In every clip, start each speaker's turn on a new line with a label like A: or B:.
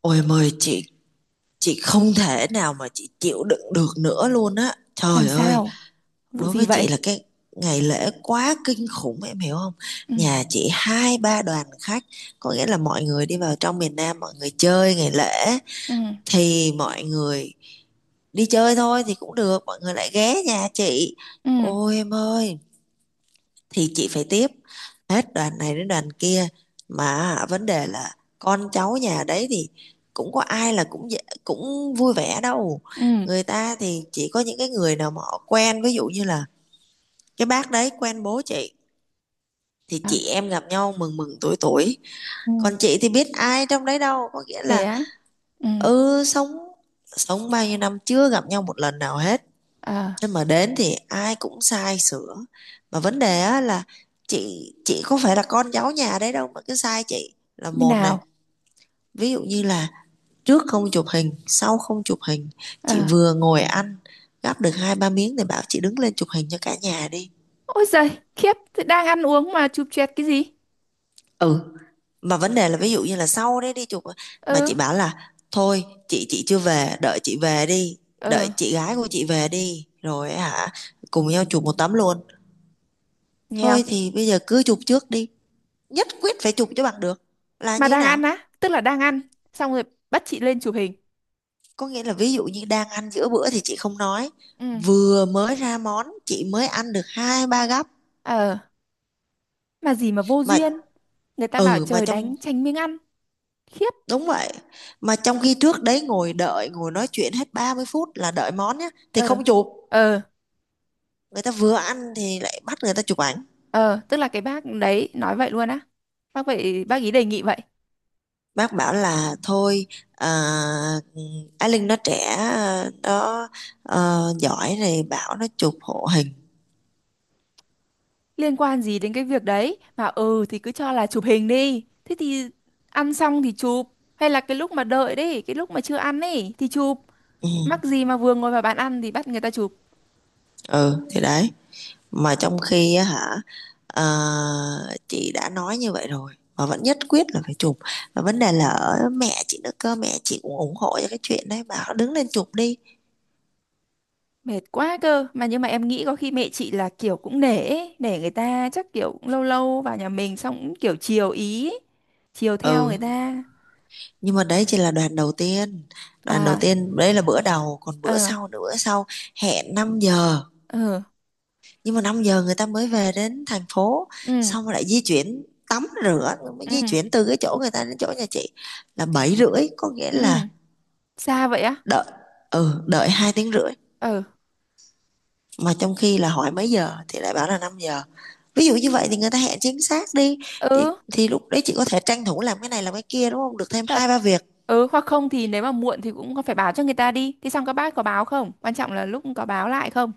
A: Ôi, mời Chị không thể nào mà chị chịu đựng được nữa luôn á.
B: Làm
A: Trời ơi,
B: sao? Vụ
A: đối
B: gì
A: với
B: vậy?
A: chị là cái ngày lễ quá kinh khủng, em hiểu không?
B: Ừ.
A: Nhà chị hai ba đoàn khách, có nghĩa là mọi người đi vào trong miền Nam, mọi người chơi ngày lễ
B: Ừ.
A: thì mọi người đi chơi thôi thì cũng được, mọi người lại ghé nhà chị.
B: Ừ.
A: Ôi em ơi, thì chị phải tiếp hết đoàn này đến đoàn kia, mà vấn đề là con cháu nhà đấy thì cũng có ai là cũng cũng vui vẻ đâu.
B: Ừ.
A: Người ta thì chỉ có những cái người nào mà họ quen, ví dụ như là cái bác đấy quen bố chị thì
B: À,
A: chị em gặp nhau mừng mừng tuổi tuổi,
B: ừ.
A: còn chị thì biết ai trong đấy đâu. Có nghĩa
B: Thế
A: là
B: á? Ừ.
A: ừ, sống sống bao nhiêu năm chưa gặp nhau một lần nào hết,
B: À,
A: nên mà đến thì ai cũng sai sửa. Mà vấn đề á là chị có phải là con cháu nhà đấy đâu mà cứ sai chị, là
B: như
A: một này,
B: nào?
A: ví dụ như là trước không chụp hình sau không chụp hình, chị
B: À,
A: vừa ngồi ăn gắp được hai ba miếng thì bảo chị đứng lên chụp hình cho cả nhà đi.
B: ôi giời, khiếp, thế đang ăn uống mà chụp choẹt cái gì?
A: Ừ, mà vấn đề là ví dụ như là sau đấy đi chụp, mà
B: Ừ.
A: chị bảo là thôi, chị chưa về, đợi chị về đi, đợi
B: Ừ,
A: chị gái của chị về đi rồi hả cùng nhau chụp một tấm luôn.
B: nghe không?
A: Thôi thì bây giờ cứ chụp trước đi, nhất quyết phải chụp cho bằng được là
B: Mà
A: như thế
B: đang
A: nào.
B: ăn á, tức là đang ăn, xong rồi bắt chị lên chụp hình.
A: Có nghĩa là ví dụ như đang ăn giữa bữa thì chị không nói,
B: Ừ.
A: vừa mới ra món chị mới ăn được hai ba gắp
B: Ờ, mà gì mà vô
A: mà.
B: duyên. Người ta bảo
A: Ừ, mà
B: trời
A: trong
B: đánh tránh miếng ăn. Khiếp.
A: đúng vậy, mà trong khi trước đấy ngồi đợi ngồi nói chuyện hết 30 phút là đợi món nhá thì
B: Ờ,
A: không chụp,
B: ờ,
A: người ta vừa ăn thì lại bắt người ta chụp ảnh.
B: ờ, tức là cái bác đấy nói vậy luôn á. Bác vậy, bác ý đề nghị vậy.
A: Bác bảo là thôi, à, Á Linh nó trẻ, nó, giỏi này, bảo nó chụp hộ hình.
B: Liên quan gì đến cái việc đấy, mà ừ thì cứ cho là chụp hình đi, thế thì ăn xong thì chụp, hay là cái lúc mà đợi đấy, cái lúc mà chưa ăn ấy thì chụp.
A: Ừ,
B: Mắc gì mà vừa ngồi vào bàn ăn thì bắt người ta chụp?
A: ừ thì đấy. Mà trong khi á hả, ờ, chị đã nói như vậy rồi mà vẫn nhất quyết là phải chụp. Và vấn đề là ở mẹ chị nữa cơ, mẹ chị cũng ủng hộ cho cái chuyện đấy, bảo đứng lên chụp đi.
B: Mệt quá cơ. Mà nhưng mà em nghĩ có khi mẹ chị là kiểu cũng nể ấy, nể người ta, chắc kiểu cũng lâu lâu vào nhà mình xong cũng kiểu chiều ý ấy, chiều theo người
A: Ừ,
B: ta.
A: nhưng mà đấy chỉ là đoàn đầu tiên. Đoàn đầu
B: À.
A: tiên, đấy là bữa đầu, còn bữa
B: À.
A: sau nữa, bữa sau hẹn 5 giờ.
B: Ừ.
A: Nhưng mà 5 giờ người ta mới về đến thành phố,
B: Ừ.
A: xong rồi lại di chuyển tắm rửa, mới
B: Ừ.
A: di chuyển từ cái chỗ người ta đến chỗ nhà chị là 7h30, có nghĩa
B: Ừ,
A: là
B: xa vậy á?
A: đợi, ừ, đợi 2 tiếng rưỡi.
B: Ừ.
A: Mà trong khi là hỏi mấy giờ thì lại bảo là 5 giờ, ví dụ như vậy thì người ta hẹn chính xác đi, thì,
B: Ừ.
A: thì lúc đấy chị có thể tranh thủ làm cái này làm cái kia, đúng không, được thêm
B: Thật.
A: hai ba việc.
B: Ừ, hoặc không thì nếu mà muộn thì cũng phải báo cho người ta đi. Thì xong các bác có báo không? Quan trọng là lúc có báo lại không?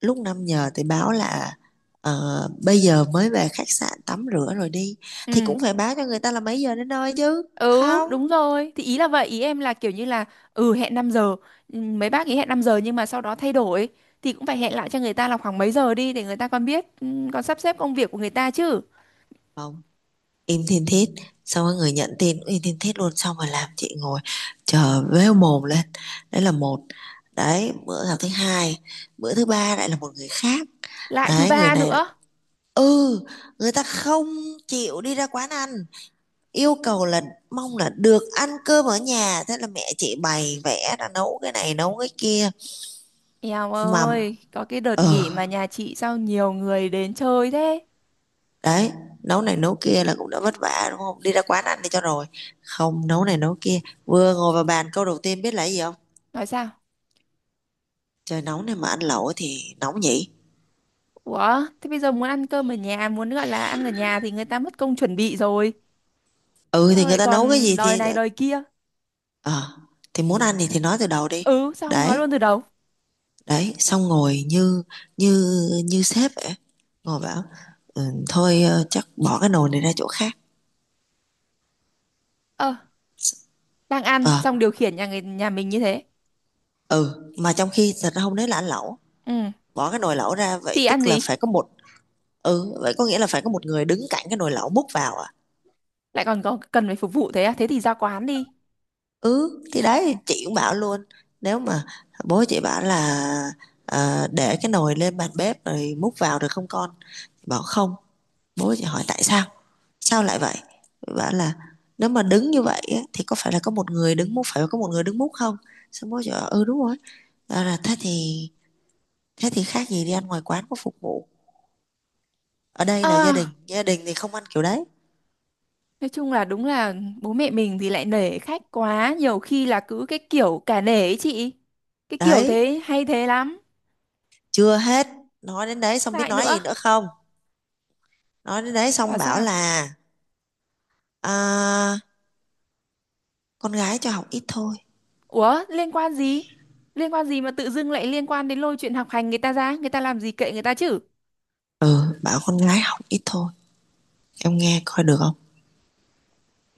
A: Lúc 5 giờ thì báo là bây giờ mới về khách sạn tắm rửa rồi đi, thì
B: Ừ.
A: cũng phải báo cho người ta là mấy giờ đến nơi chứ
B: Ừ,
A: không
B: đúng rồi. Thì ý là vậy, ý em là kiểu như là ừ, hẹn 5 giờ. Ừ, mấy bác ý hẹn 5 giờ nhưng mà sau đó thay đổi thì cũng phải hẹn lại cho người ta là khoảng mấy giờ đi để người ta còn biết, ừ, còn sắp xếp công việc của người ta chứ.
A: không im thiên thiết, xong rồi người nhận tin im thiên thiết luôn, xong rồi làm chị ngồi chờ véo mồm lên. Đấy là một, đấy bữa là thứ hai. Bữa thứ ba lại là một người khác.
B: Lại thứ
A: Đấy người
B: ba
A: này,
B: nữa.
A: ừ, người ta không chịu đi ra quán ăn, yêu cầu là mong là được ăn cơm ở nhà, thế là mẹ chị bày vẽ ra nấu cái này nấu cái kia
B: Eo
A: mà.
B: ơi, có cái đợt
A: ờ
B: nghỉ mà nhà chị sao nhiều người đến chơi thế?
A: đấy, nấu này nấu kia là cũng đã vất vả, đúng không, đi ra quán ăn đi cho rồi, không nấu này nấu kia. Vừa ngồi vào bàn câu đầu tiên biết là gì không:
B: Nói sao?
A: trời nóng này mà ăn lẩu thì nóng nhỉ.
B: Ủa, thế bây giờ muốn ăn cơm ở nhà, muốn gọi là ăn ở nhà thì người ta mất công chuẩn bị rồi.
A: Ừ thì
B: Sao
A: người
B: lại
A: ta nấu cái
B: còn
A: gì
B: đòi
A: thì
B: này đòi kia?
A: ờ thì muốn ăn thì nói từ đầu đi.
B: Ừ, sao không nói
A: Đấy,
B: luôn từ đầu?
A: đấy, xong ngồi như như như sếp vậy, ngồi bảo ừ, thôi, chắc bỏ cái nồi này ra chỗ khác.
B: Ờ, đang ăn,
A: ờ
B: xong điều khiển nhà người nhà mình như thế.
A: ừ, mà trong khi thật ra hôm đấy là ăn lẩu,
B: Ừ,
A: bỏ cái nồi lẩu ra vậy
B: thì ăn
A: tức là
B: gì?
A: phải có một, ừ, vậy có nghĩa là phải có một người đứng cạnh cái nồi lẩu múc vào à.
B: Lại còn có cần phải phục vụ thế à? Thế thì ra quán đi.
A: Ừ thì đấy chị cũng bảo luôn, nếu mà bố chị bảo là để cái nồi lên bàn bếp rồi múc vào được không con, bảo không. Bố chị hỏi tại sao, sao lại vậy. Bảo là nếu mà đứng như vậy á, thì có phải là có một người đứng múc, phải có một người đứng múc không. Xong bố chị bảo ừ đúng rồi. Bảo là thế thì khác gì đi ăn ngoài quán có phục vụ, ở đây là gia đình,
B: À,
A: gia đình thì không ăn kiểu đấy.
B: nói chung là đúng là bố mẹ mình thì lại nể khách quá, nhiều khi là cứ cái kiểu cả nể ấy chị. Cái kiểu
A: Đấy
B: thế hay thế lắm.
A: chưa hết, nói đến đấy xong biết
B: Lại
A: nói
B: nữa,
A: gì nữa không, nói đến đấy
B: bảo
A: xong bảo
B: sao?
A: là à, con gái cho học ít thôi.
B: Ủa liên quan gì? Liên quan gì mà tự dưng lại liên quan đến lôi chuyện học hành người ta ra? Người ta làm gì kệ người ta chứ?
A: Ừ, bảo con gái học ít thôi, em nghe coi được không.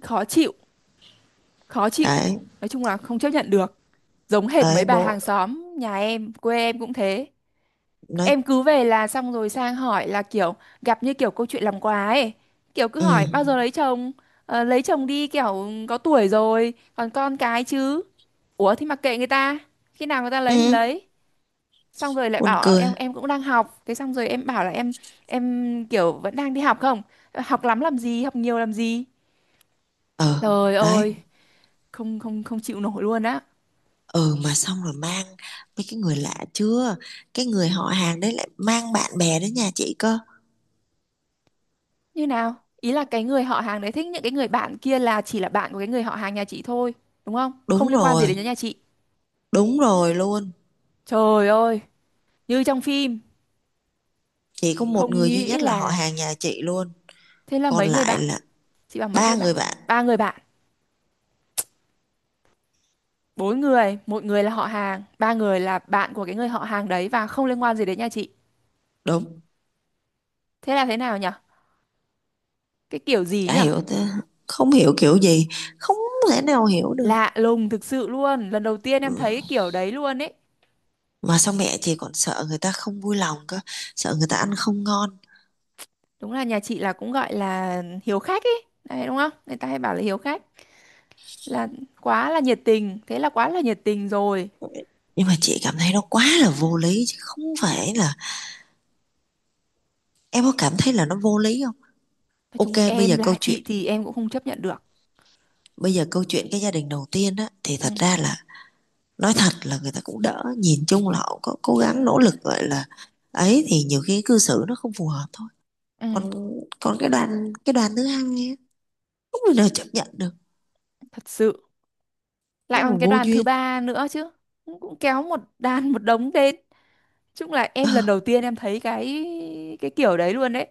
B: Khó chịu, khó chịu.
A: Đấy,
B: Nói chung là không chấp nhận được. Giống hệt mấy
A: đấy
B: bà hàng
A: bố
B: xóm, nhà em, quê em cũng thế.
A: nói.
B: Em cứ về là xong rồi sang hỏi là kiểu gặp như kiểu câu chuyện làm quà ấy. Kiểu cứ
A: Ừ,
B: hỏi bao giờ lấy chồng? Ờ, lấy chồng đi kiểu có tuổi rồi, còn con cái chứ. Ủa thì mặc kệ người ta. Khi nào người ta lấy thì
A: ừ,
B: lấy. Xong rồi lại
A: buồn
B: bảo "Ờ,
A: cười.
B: em cũng đang học," thế xong rồi em bảo là em kiểu vẫn đang đi học. Không, học lắm làm gì, học nhiều làm gì?
A: Ừ
B: Trời
A: đấy,
B: ơi, không không không chịu nổi luôn á.
A: ừ mà xong rồi mang mấy cái người lạ chưa, cái người họ hàng đấy lại mang bạn bè đến nhà chị cơ.
B: Như nào? Ý là cái người họ hàng đấy thích những cái người bạn kia, là chỉ là bạn của cái người họ hàng nhà chị thôi, đúng không, không
A: Đúng
B: liên quan gì
A: rồi,
B: đến nhà chị.
A: đúng rồi luôn.
B: Trời ơi, như trong phim.
A: Chỉ có một
B: Không
A: người duy
B: nghĩ
A: nhất là họ
B: là,
A: hàng nhà chị luôn.
B: thế là
A: Còn
B: mấy người
A: lại
B: bạn,
A: là
B: chị bảo mấy người
A: ba
B: bạn,
A: người bạn.
B: ba người bạn, bốn người, một người là họ hàng, ba người là bạn của cái người họ hàng đấy và không liên quan gì đến nhà chị.
A: Đúng.
B: Thế là thế nào nhỉ? Cái kiểu gì
A: Chả
B: nhở?
A: hiểu thế. Không hiểu kiểu gì. Không thể nào hiểu được.
B: Lạ lùng thực sự luôn, lần đầu tiên em
A: Ừ.
B: thấy cái kiểu đấy luôn ấy.
A: Mà sao mẹ chị còn sợ người ta không vui lòng cơ. Sợ người ta ăn không ngon.
B: Đúng là nhà chị là cũng gọi là hiếu khách ấy đấy, đúng không, người ta hay bảo là hiếu khách, là quá là nhiệt tình, thế là quá là nhiệt tình rồi.
A: Nhưng mà chị cảm thấy nó quá là vô lý. Chứ không phải là. Em có cảm thấy là nó vô lý không?
B: Nói chung
A: Ok, bây
B: em
A: giờ câu
B: là
A: chuyện.
B: chị thì em cũng không chấp nhận được.
A: Bây giờ câu chuyện cái gia đình đầu tiên á. Thì
B: Ừ,
A: thật ra là nói thật là người ta cũng đỡ, nhìn chung là họ có cố gắng nỗ lực gọi là ấy, thì nhiều khi cư xử nó không phù hợp thôi.
B: ừ,
A: Còn còn cái đoàn thứ hai á, không thể nào chấp nhận được,
B: thật sự. Lại
A: nhưng mà
B: còn cái
A: vô
B: đoàn thứ
A: duyên.
B: ba nữa chứ, cũng cũng kéo một đàn một đống đến. Chung là
A: Ờ,
B: em lần đầu tiên em thấy cái kiểu đấy luôn đấy.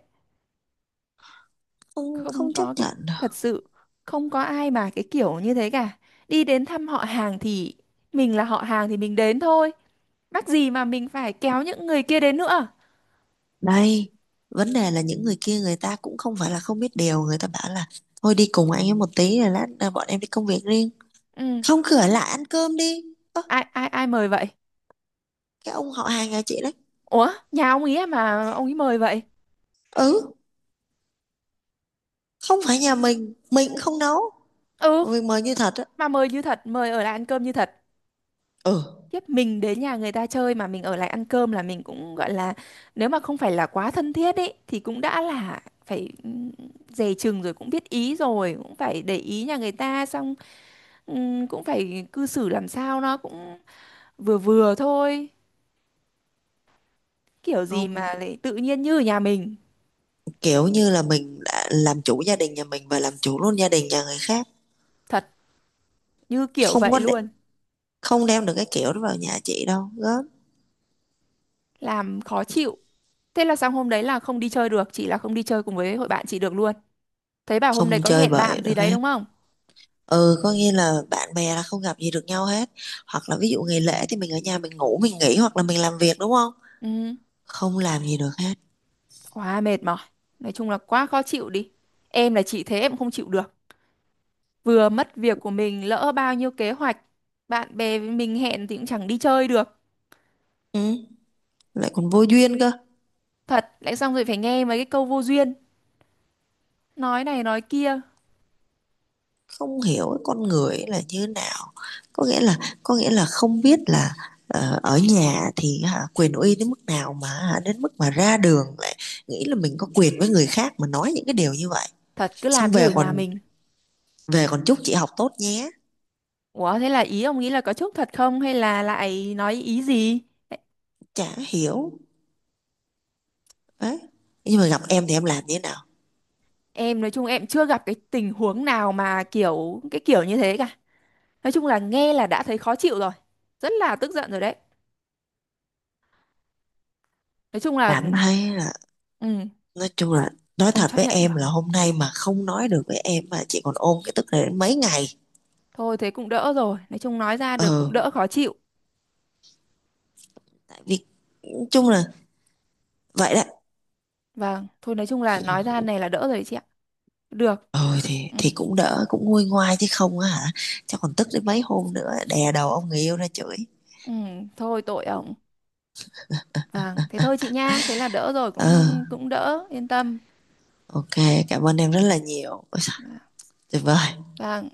A: không,
B: Không
A: không chấp
B: có cái,
A: nhận
B: thật
A: được.
B: sự không có ai mà cái kiểu như thế cả. Đi đến thăm họ hàng thì mình là họ hàng thì mình đến thôi, mắc gì mà mình phải kéo những người kia đến nữa.
A: Đây, vấn đề là những người kia người ta cũng không phải là không biết điều, người ta bảo là thôi đi cùng anh ấy một tí rồi lát à, bọn em đi công việc riêng,
B: Ừ,
A: không, cửa lại ăn cơm đi. Ơ,
B: ai ai ai mời vậy?
A: cái ông họ hàng nhà chị đấy.
B: Ủa nhà ông ý à mà ông ấy mời vậy?
A: Ừ, không phải nhà mình cũng không nấu,
B: Ừ,
A: mình mời như thật á.
B: mà mời như thật, mời ở lại ăn cơm như thật.
A: Ừ,
B: Tiếp mình đến nhà người ta chơi mà mình ở lại ăn cơm là mình cũng gọi là, nếu mà không phải là quá thân thiết ấy thì cũng đã là phải, ừ, dè chừng rồi, cũng biết ý rồi, cũng phải để ý nhà người ta, xong ừm, cũng phải cư xử làm sao nó cũng vừa vừa thôi. Kiểu gì mà
A: không,
B: lại tự nhiên như ở nhà mình?
A: kiểu như là mình đã làm chủ gia đình nhà mình và làm chủ luôn gia đình nhà người khác.
B: Thật, như kiểu
A: Không
B: vậy
A: có để,
B: luôn.
A: không đem được cái kiểu đó vào nhà chị đâu gớm.
B: Làm khó chịu. Thế là sang hôm đấy là không đi chơi được, chị là không đi chơi cùng với hội bạn chị được luôn. Thấy bảo hôm đấy
A: Không
B: có
A: chơi
B: hẹn bạn
A: bời
B: gì
A: được
B: đấy
A: hết,
B: đúng không?
A: ừ, có nghĩa là bạn bè là không gặp gì được nhau hết, hoặc là ví dụ ngày lễ thì mình ở nhà mình ngủ mình nghỉ hoặc là mình làm việc đúng không,
B: Ừ,
A: không làm gì được hết.
B: quá mệt mỏi. Nói chung là quá khó chịu đi. Em là chị thế em không chịu được, vừa mất việc của mình, lỡ bao nhiêu kế hoạch, bạn bè với mình hẹn thì cũng chẳng đi chơi được.
A: Ừ. Lại còn vô duyên cơ.
B: Thật, lại xong rồi phải nghe mấy cái câu vô duyên, nói này nói kia.
A: Không hiểu cái con người ấy là như thế nào, có nghĩa là có nghĩa là không biết là ở nhà thì hả, quyền uy đến mức nào mà hả, đến mức mà ra đường lại nghĩ là mình có quyền với người khác mà nói những cái điều như vậy.
B: Thật cứ
A: Xong
B: làm như
A: về
B: ở nhà
A: còn
B: mình.
A: về còn chúc chị học tốt nhé.
B: Ủa thế là ý ông nghĩ là có chúc thật không hay là lại nói ý gì?
A: Chả hiểu. Đấy, nhưng mà gặp em thì em làm như thế nào.
B: Em nói chung em chưa gặp cái tình huống nào mà kiểu cái kiểu như thế cả. Nói chung là nghe là đã thấy khó chịu rồi. Rất là tức giận rồi đấy. Nói chung là,
A: Cảm thấy là,
B: ừ,
A: nói chung là, nói
B: không
A: thật
B: chấp
A: với
B: nhận
A: em
B: được.
A: là hôm nay mà không nói được với em mà chị còn ôm cái tức này đến mấy ngày.
B: Thôi thế cũng đỡ rồi. Nói chung nói ra được
A: ờ
B: cũng đỡ khó chịu.
A: tại vì nói chung là vậy đó.
B: Vâng, thôi nói chung là nói ra này là đỡ rồi chị ạ. Được.
A: ờ thì
B: Ừ,
A: thì cũng đỡ cũng nguôi ngoai chứ không á hả. Chắc còn tức đến mấy hôm nữa đè đầu ông người yêu ra chửi.
B: ừ, thôi tội ổng. Vâng, thế thôi chị nha. Thế là đỡ rồi
A: ờ
B: cũng cũng đỡ, yên tâm.
A: ok, cảm ơn em rất là nhiều. Ôi trời, tuyệt vời.
B: Vâng.